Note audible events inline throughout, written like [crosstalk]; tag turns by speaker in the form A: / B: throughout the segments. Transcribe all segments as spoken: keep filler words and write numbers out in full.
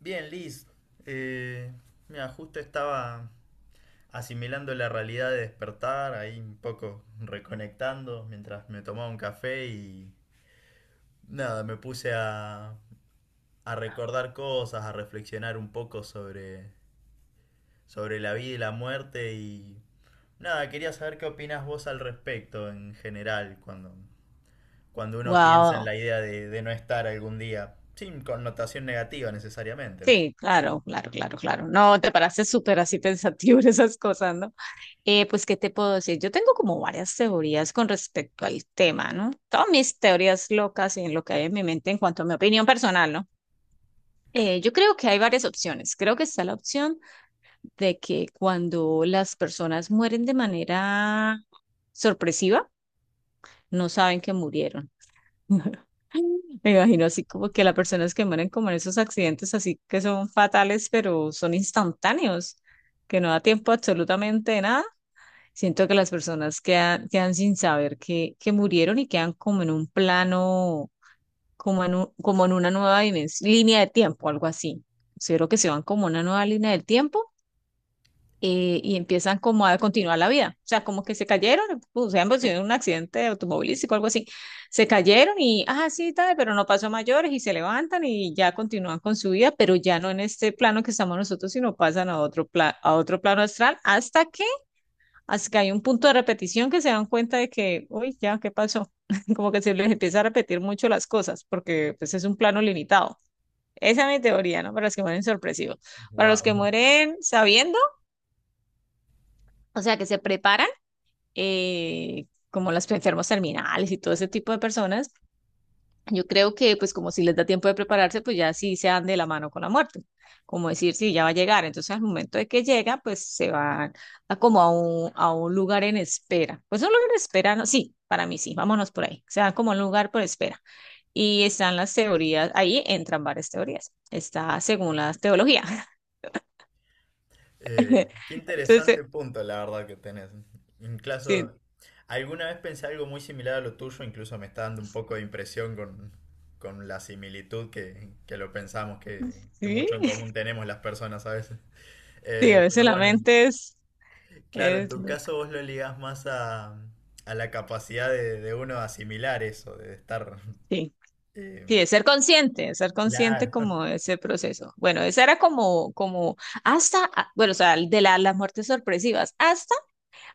A: Bien, Liz. Eh, mira, justo estaba asimilando la realidad de despertar, ahí un poco reconectando mientras me tomaba un café y nada, me puse a, a recordar cosas, a reflexionar un poco sobre, sobre la vida y la muerte y nada, quería saber qué opinas vos al respecto en general cuando, cuando uno piensa en
B: Wow.
A: la idea de, de no estar algún día, sin connotación negativa necesariamente.
B: Sí, claro, claro, claro, claro. No, te paraste súper así pensativo en esas cosas, ¿no? Eh, pues, ¿qué te puedo decir? Yo tengo como varias teorías con respecto al tema, ¿no? Todas mis teorías locas y en lo que hay en mi mente en cuanto a mi opinión personal, ¿no? Eh, yo creo que hay varias opciones. Creo que está la opción de que cuando las personas mueren de manera sorpresiva, no saben que murieron. [laughs] Me imagino así como que las personas que mueren como en esos accidentes así que son fatales, pero son instantáneos, que no da tiempo absolutamente de nada. Siento que las personas quedan, quedan sin saber que, que murieron y quedan como en un plano, como en un- como en una nueva dimens- línea de tiempo, algo así. Considero que se van como a una nueva línea del tiempo eh, y empiezan como a continuar la vida. O sea, como que se cayeron, o sea, pues, en un accidente automovilístico algo así. Se cayeron y, ah, sí, tal, pero no pasó a mayores y se levantan y ya continúan con su vida, pero ya no en este plano que estamos nosotros, sino pasan a otro, pla- a otro plano astral hasta que, hasta que hay un punto de repetición que se dan cuenta de que, uy, ya, ¿qué pasó? [laughs] Como que se les empieza a repetir mucho las cosas porque pues es un plano limitado. Esa es mi teoría, ¿no? Para los que mueren sorpresivos. Para los que
A: Wow.
B: mueren sabiendo, o sea, que se preparan eh, como las enfermos terminales y todo ese tipo de personas, yo creo que pues como si les da tiempo de prepararse, pues ya sí se dan de la mano con la muerte. Como decir, sí, ya va a llegar. Entonces al momento de que llega, pues se van a como a un, a un lugar en espera. Pues un lugar en espera, no, sí, para mí sí, vámonos por ahí. Se dan como a un lugar por espera. Y están las teorías, ahí entran varias teorías. Está según la teología. [laughs]
A: Eh, qué
B: Entonces,
A: interesante punto, la verdad, que tenés.
B: sí,
A: Incluso, alguna vez pensé algo muy similar a lo tuyo, incluso me está dando un poco de impresión con, con la similitud que, que lo pensamos, que, que
B: sí,
A: mucho en común tenemos las personas a veces.
B: sí, a
A: Eh,
B: veces
A: pero
B: la
A: bueno,
B: mente es,
A: claro, en
B: es
A: tu
B: lo-
A: caso vos lo ligás más a, a la capacidad de, de uno de asimilar eso, de estar...
B: sí.
A: eh,
B: Sí, de ser consciente, de ser consciente
A: claro,
B: como de ese proceso. Bueno, esa era como, como hasta, ah, bueno, o sea, de la- las muertes sorpresivas, hasta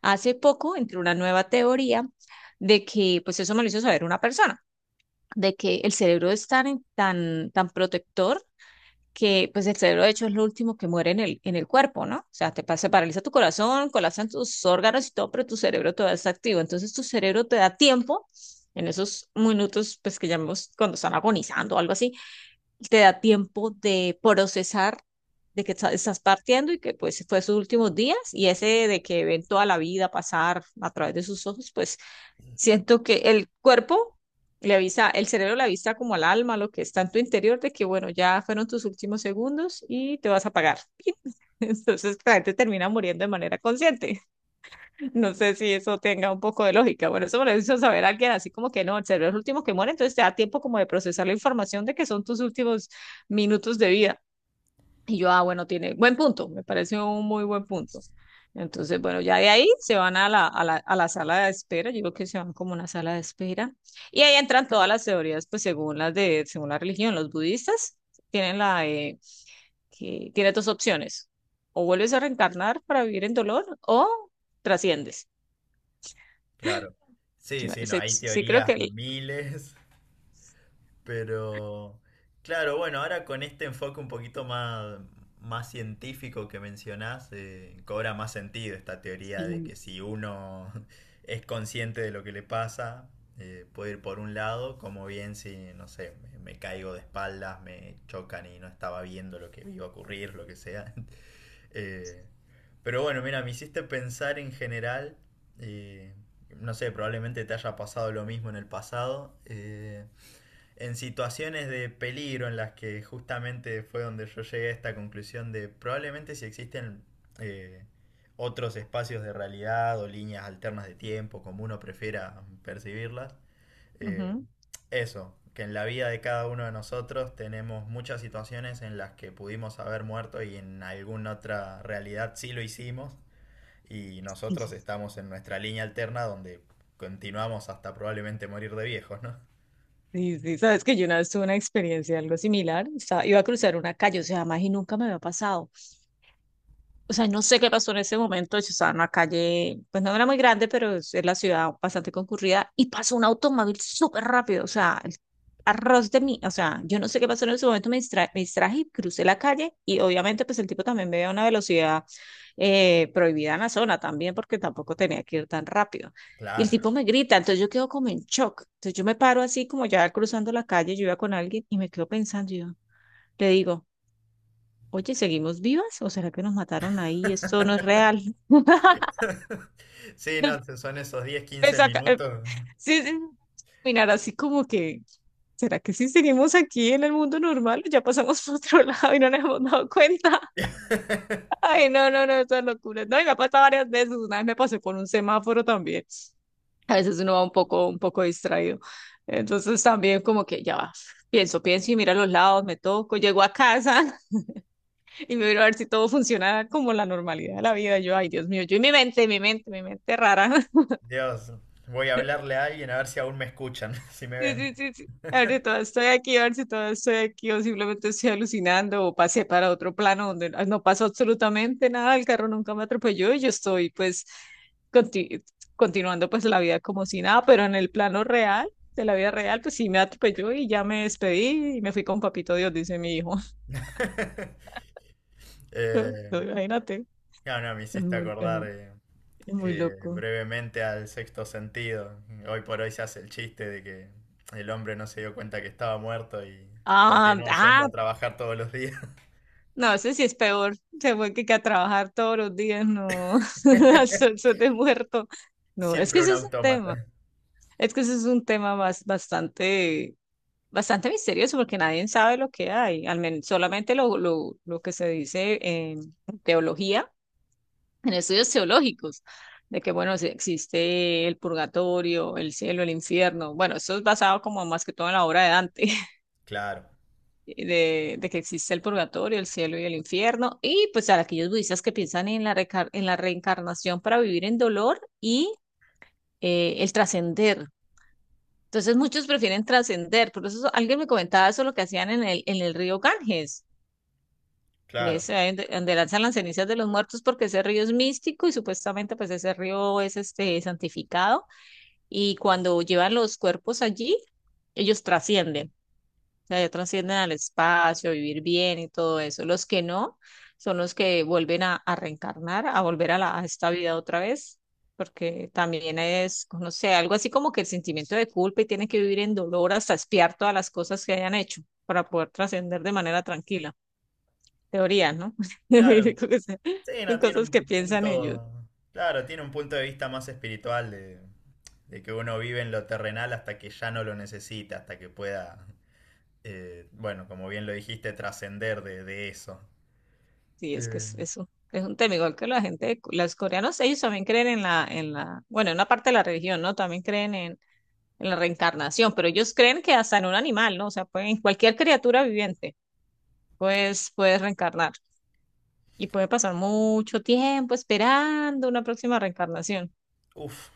B: hace poco entró una nueva teoría de que, pues eso me lo hizo saber una persona, de que el cerebro es tan, en- tan, tan protector que, pues el cerebro de hecho es lo último que muere en el, en el cuerpo, ¿no? O sea, te pasa, paraliza tu corazón, colapsan tus órganos y todo, pero tu cerebro todavía está activo. Entonces tu cerebro te da tiempo en esos minutos, pues que llamamos cuando están agonizando o algo así te da tiempo de procesar de que está- estás partiendo y que pues fue sus últimos días y ese de que ven toda la vida pasar a través de sus ojos, pues siento que el cuerpo le avisa, el cerebro le avisa como al alma, lo que está en tu interior, de que bueno, ya fueron tus últimos segundos y te vas a apagar. [laughs] Entonces la gente termina muriendo de manera consciente. No sé si eso tenga un poco de lógica. Bueno, eso me lo hizo saber alguien así como que no, el cerebro es el último que muere, entonces te da tiempo como de procesar la información de que son tus últimos minutos de vida. Y yo, ah, bueno, tiene buen punto, me parece un muy buen punto. Entonces, bueno, ya de ahí se van a la, a la, a la sala de espera, yo creo que se van como una sala de espera. Y ahí entran todas las teorías, pues según las de, según la religión, los budistas tienen la, eh, que tiene dos opciones, o vuelves a reencarnar para vivir en dolor o trasciendes.
A: [laughs] claro. Sí, sí,
B: Claro,
A: no,
B: sí,
A: hay
B: sí creo que
A: teorías
B: el-
A: miles. Pero, claro, bueno, ahora con este enfoque un poquito más, más científico que mencionás, eh, cobra más sentido esta teoría de
B: sí.
A: que si uno [laughs] es consciente de lo que le pasa, eh, puede ir por un lado, como bien si, no sé, me, me caigo de espaldas, me chocan y no estaba viendo lo que iba a ocurrir, lo que sea. [laughs] Eh, pero bueno, mira, me hiciste pensar en general, eh, no sé, probablemente te haya pasado lo mismo en el pasado. Eh, en situaciones de peligro en las que justamente fue donde yo llegué a esta conclusión de probablemente si existen eh, otros espacios de realidad o líneas alternas de tiempo, como uno prefiera percibirlas, eh,
B: Ujú.
A: eso, que en la vida de cada uno de nosotros tenemos muchas situaciones en las que pudimos haber muerto y en alguna otra realidad sí lo hicimos y nosotros estamos en nuestra línea alterna donde continuamos hasta probablemente morir de viejos, ¿no?
B: Sí, sí, sabes que yo una vez tuve una experiencia algo similar. Estaba- iba a cruzar una calle, o sea, más y nunca me había pasado. O sea, no sé qué pasó en ese momento, yo estaba en una calle, pues no era muy grande, pero es es la ciudad bastante concurrida, y pasó un automóvil súper rápido, o sea, el arroz de mí, o sea, yo no sé qué pasó en ese momento, me distra- me distraje, y crucé la calle, y obviamente pues el tipo también me veía a una velocidad eh, prohibida en la zona también, porque tampoco tenía que ir tan rápido. Y el
A: Claro.
B: tipo me grita, entonces yo quedo como en shock. Entonces yo me paro así como ya cruzando la calle, yo iba con alguien y me quedo pensando, y yo le digo, oye, ¿seguimos vivas? ¿O será que nos mataron ahí? Esto no es real. [laughs]
A: [laughs] Sí, no, son esos diez, quince
B: Empecé a ca- eh,
A: minutos.
B: Sí, sí. Mirar así como que, ¿será que sí seguimos aquí en el mundo normal? O ya pasamos [laughs] por otro lado y no nos hemos dado cuenta. [laughs] Ay, no, no, no, eso es locura. No, y me ha pasado varias veces. Una vez me pasé por un semáforo también. A veces uno va un poco, un poco distraído. Entonces también como que ya va. Pienso, pienso y miro a los lados, me toco, llego a casa. Y me miro a ver si todo funciona como la normalidad de la vida. Yo, ay, Dios mío, yo y mi mente, mi mente, mi mente rara. [laughs]
A: Dios, voy a hablarle a alguien a ver si aún me escuchan, [laughs] si me
B: Sí,
A: ven.
B: sí, sí, sí. A ver si todo estoy aquí, a ver si todo estoy aquí, o simplemente estoy alucinando, o pasé para otro plano donde no no pasó absolutamente nada, el carro nunca me atropelló y yo estoy, pues, conti- continuando, pues, la vida como si nada, pero en el plano real, de la vida real, pues sí me atropelló y ya me despedí y me fui con papito Dios, dice mi hijo.
A: [laughs]
B: [laughs] No,
A: Eh,
B: no, imagínate,
A: no, no, me
B: es
A: hiciste
B: muy, es-
A: acordar eh,
B: es muy
A: eh,
B: loco.
A: brevemente al sexto sentido. Hoy por hoy se hace el chiste de que el hombre no se dio cuenta que estaba muerto y
B: Ah,
A: continuó yendo
B: ah,
A: a trabajar todos los días. [laughs]
B: no, ese sí es peor. Se fue que, que a trabajar todos los días, no, [laughs] al sol, sol de muerto. No, es que
A: Siempre un
B: ese es un tema.
A: autómata.
B: Es que ese es un tema más, bastante, bastante misterioso porque nadie sabe lo que hay. Al menos solamente lo, lo, lo que se dice en teología, en estudios teológicos, de que, bueno, si existe el purgatorio, el cielo, el infierno. Bueno, eso es basado como más que todo en la obra de Dante.
A: Claro,
B: eh, de, de que existe el purgatorio, el cielo y el infierno, y pues a aquellos budistas que piensan en la, recar- en la reencarnación para vivir en dolor y eh, el trascender. Entonces muchos prefieren trascender, por eso alguien me comentaba eso lo que hacían en el, en el río Ganges, que
A: claro.
B: es ahí donde, donde lanzan las cenizas de los muertos porque ese río es místico y supuestamente pues ese río es este santificado y cuando llevan los cuerpos allí, ellos trascienden. Sea, ya trascienden al espacio, vivir bien y todo eso. Los que no son los que vuelven a, a reencarnar, a volver a, la, a esta vida otra vez, porque también es, no sé, algo así como que el sentimiento de culpa y tienen que vivir en dolor hasta espiar todas las cosas que hayan hecho para poder trascender de manera tranquila. Teoría, ¿no? [laughs]
A: Claro.
B: Yo creo que Son
A: Sí,
B: son
A: no, tiene
B: cosas que
A: un
B: piensan ellos.
A: punto, claro, tiene un punto de vista más espiritual de, de que uno vive en lo terrenal hasta que ya no lo necesita, hasta que pueda, eh, bueno, como bien lo dijiste, trascender de, de eso.
B: Sí, es que
A: Eh,
B: es, es un, es un tema igual que la gente, de- Cu- los coreanos, ellos también creen en la, en la, bueno, en una parte de la religión, ¿no? También creen en la reencarnación, pero ellos creen que hasta en un animal, ¿no? O sea, pueden, cualquier criatura viviente, pues puedes reencarnar y puede pasar mucho tiempo esperando una próxima reencarnación
A: Uf,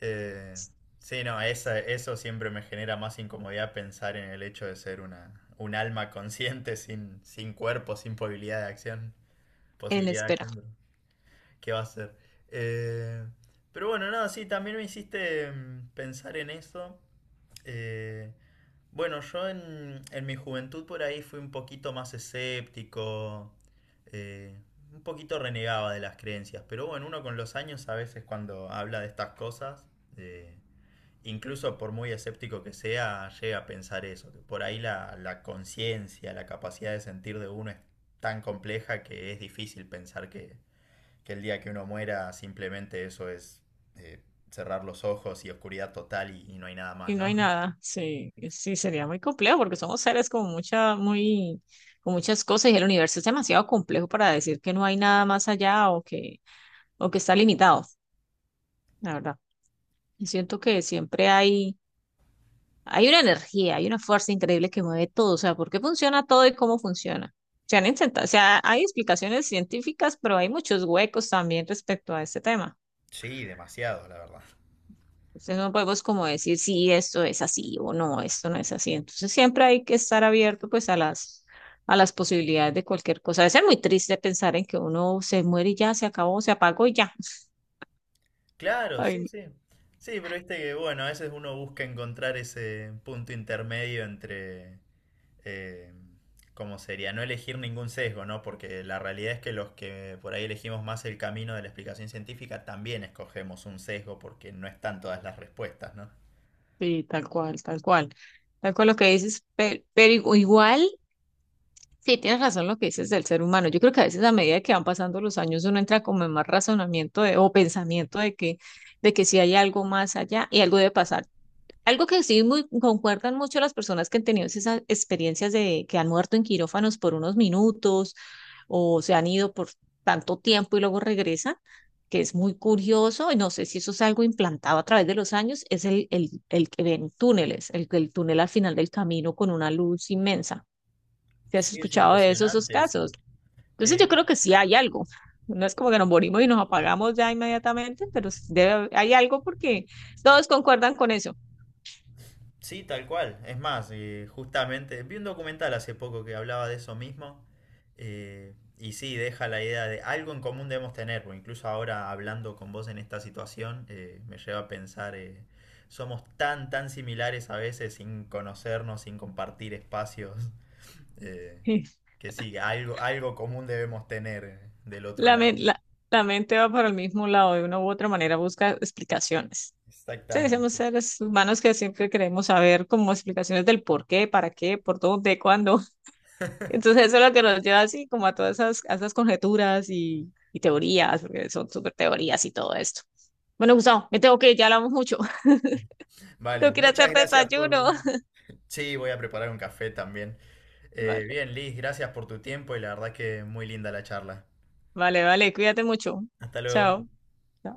A: eh, sí, no, esa- eso siempre me genera más incomodidad pensar en el hecho de ser una, un alma consciente sin, sin cuerpo, sin posibilidad de acción,
B: en
A: posibilidad de
B: espera
A: acción. ¿Qué va a ser? Eh, pero bueno, nada, sí, también me hiciste mm, pensar en eso. Eh, bueno, yo en, en mi juventud por ahí fui un poquito más escéptico, eh, un poquito renegaba de las creencias, pero bueno, uno con los años a veces cuando habla de estas cosas, eh, incluso por muy escéptico que sea, llega a pensar eso, que por ahí la, la conciencia, la capacidad de sentir de uno es tan compleja que es difícil pensar que que el día que uno muera simplemente eso es eh, cerrar los ojos y oscuridad total y, y no hay nada
B: y
A: más,
B: no hay
A: ¿no?
B: nada. Sí, sí, sería muy complejo porque somos seres con mucha, muy, con muchas cosas y el universo es demasiado complejo para decir que no hay nada más allá o que, o que está limitado, la verdad. Yo siento que siempre hay hay una energía, hay una fuerza increíble que mueve todo, o sea, ¿por qué funciona todo y cómo funciona? Se han intentado, o sea, hay explicaciones científicas, pero hay muchos huecos también respecto a este tema.
A: Sí, demasiado, la verdad.
B: Entonces no podemos como decir si esto es así o no, esto no es así. Entonces siempre hay que estar abierto pues a las a las posibilidades de cualquier cosa. A veces es muy triste pensar en que uno se muere y ya se acabó, se apagó y ya.
A: Claro,
B: Ay,
A: sí,
B: no.
A: sí. Sí, pero viste que, bueno, a veces uno busca encontrar ese punto intermedio entre, eh, ¿cómo sería? No elegir ningún sesgo, ¿no? Porque la realidad es que los que por ahí elegimos más el camino de la explicación científica también escogemos un sesgo porque no están todas las respuestas, ¿no?
B: Sí, tal cual, tal cual. Tal cual lo que dices, pe- pero, igu- igual sí, tienes razón lo que dices del ser humano. Yo creo que a veces a medida que van pasando los años uno entra como en más razonamiento de- o pensamiento de que, de que sí hay algo más allá y algo debe pasar. Algo que sí muy, concuerdan mucho las personas que han tenido esas experiencias de que han muerto en quirófanos por unos minutos o se han ido por tanto tiempo y luego regresan, que es muy curioso y no sé si eso es algo implantado a través de los años, es el, el, el que ven túneles, el, el túnel al final del camino con una luz inmensa si has
A: Sí, es
B: escuchado de esos, esos
A: impresionante eso.
B: casos. Entonces yo
A: Eh,
B: creo que sí hay algo. No es como que nos morimos y nos apagamos ya inmediatamente, pero sí debe- hay algo porque todos concuerdan con eso. [laughs]
A: Sí, tal cual. Es más, eh, justamente vi un documental hace poco que hablaba de eso mismo. Eh, y sí, deja la idea de algo en común debemos tener, porque incluso ahora hablando con vos en esta situación, eh, me lleva a pensar, eh, somos tan, tan similares a veces sin conocernos, sin compartir espacios, eh,
B: Sí.
A: que sí, algo, algo común debemos tener eh, del otro
B: La,
A: lado.
B: men- la- la mente va para el mismo lado, de una u otra manera busca explicaciones. Sí, somos
A: Exactamente.
B: seres humanos que siempre queremos saber como explicaciones del por qué, para qué, por dónde, cuándo. [laughs] Entonces eso es lo que nos lleva así como a todas esas, a esas conjeturas y, y teorías, porque son súper teorías y todo esto. Bueno, Gustavo, me tengo que ir, ya hablamos mucho. [laughs]
A: Vale,
B: No quiero
A: muchas
B: hacer
A: gracias por...
B: desayuno. [laughs]
A: Sí, voy a preparar un café también. Eh,
B: Vale,
A: bien, Liz, gracias por tu tiempo y la verdad que muy linda la charla.
B: vale, vale, cuídate mucho.
A: Hasta luego.
B: Chao.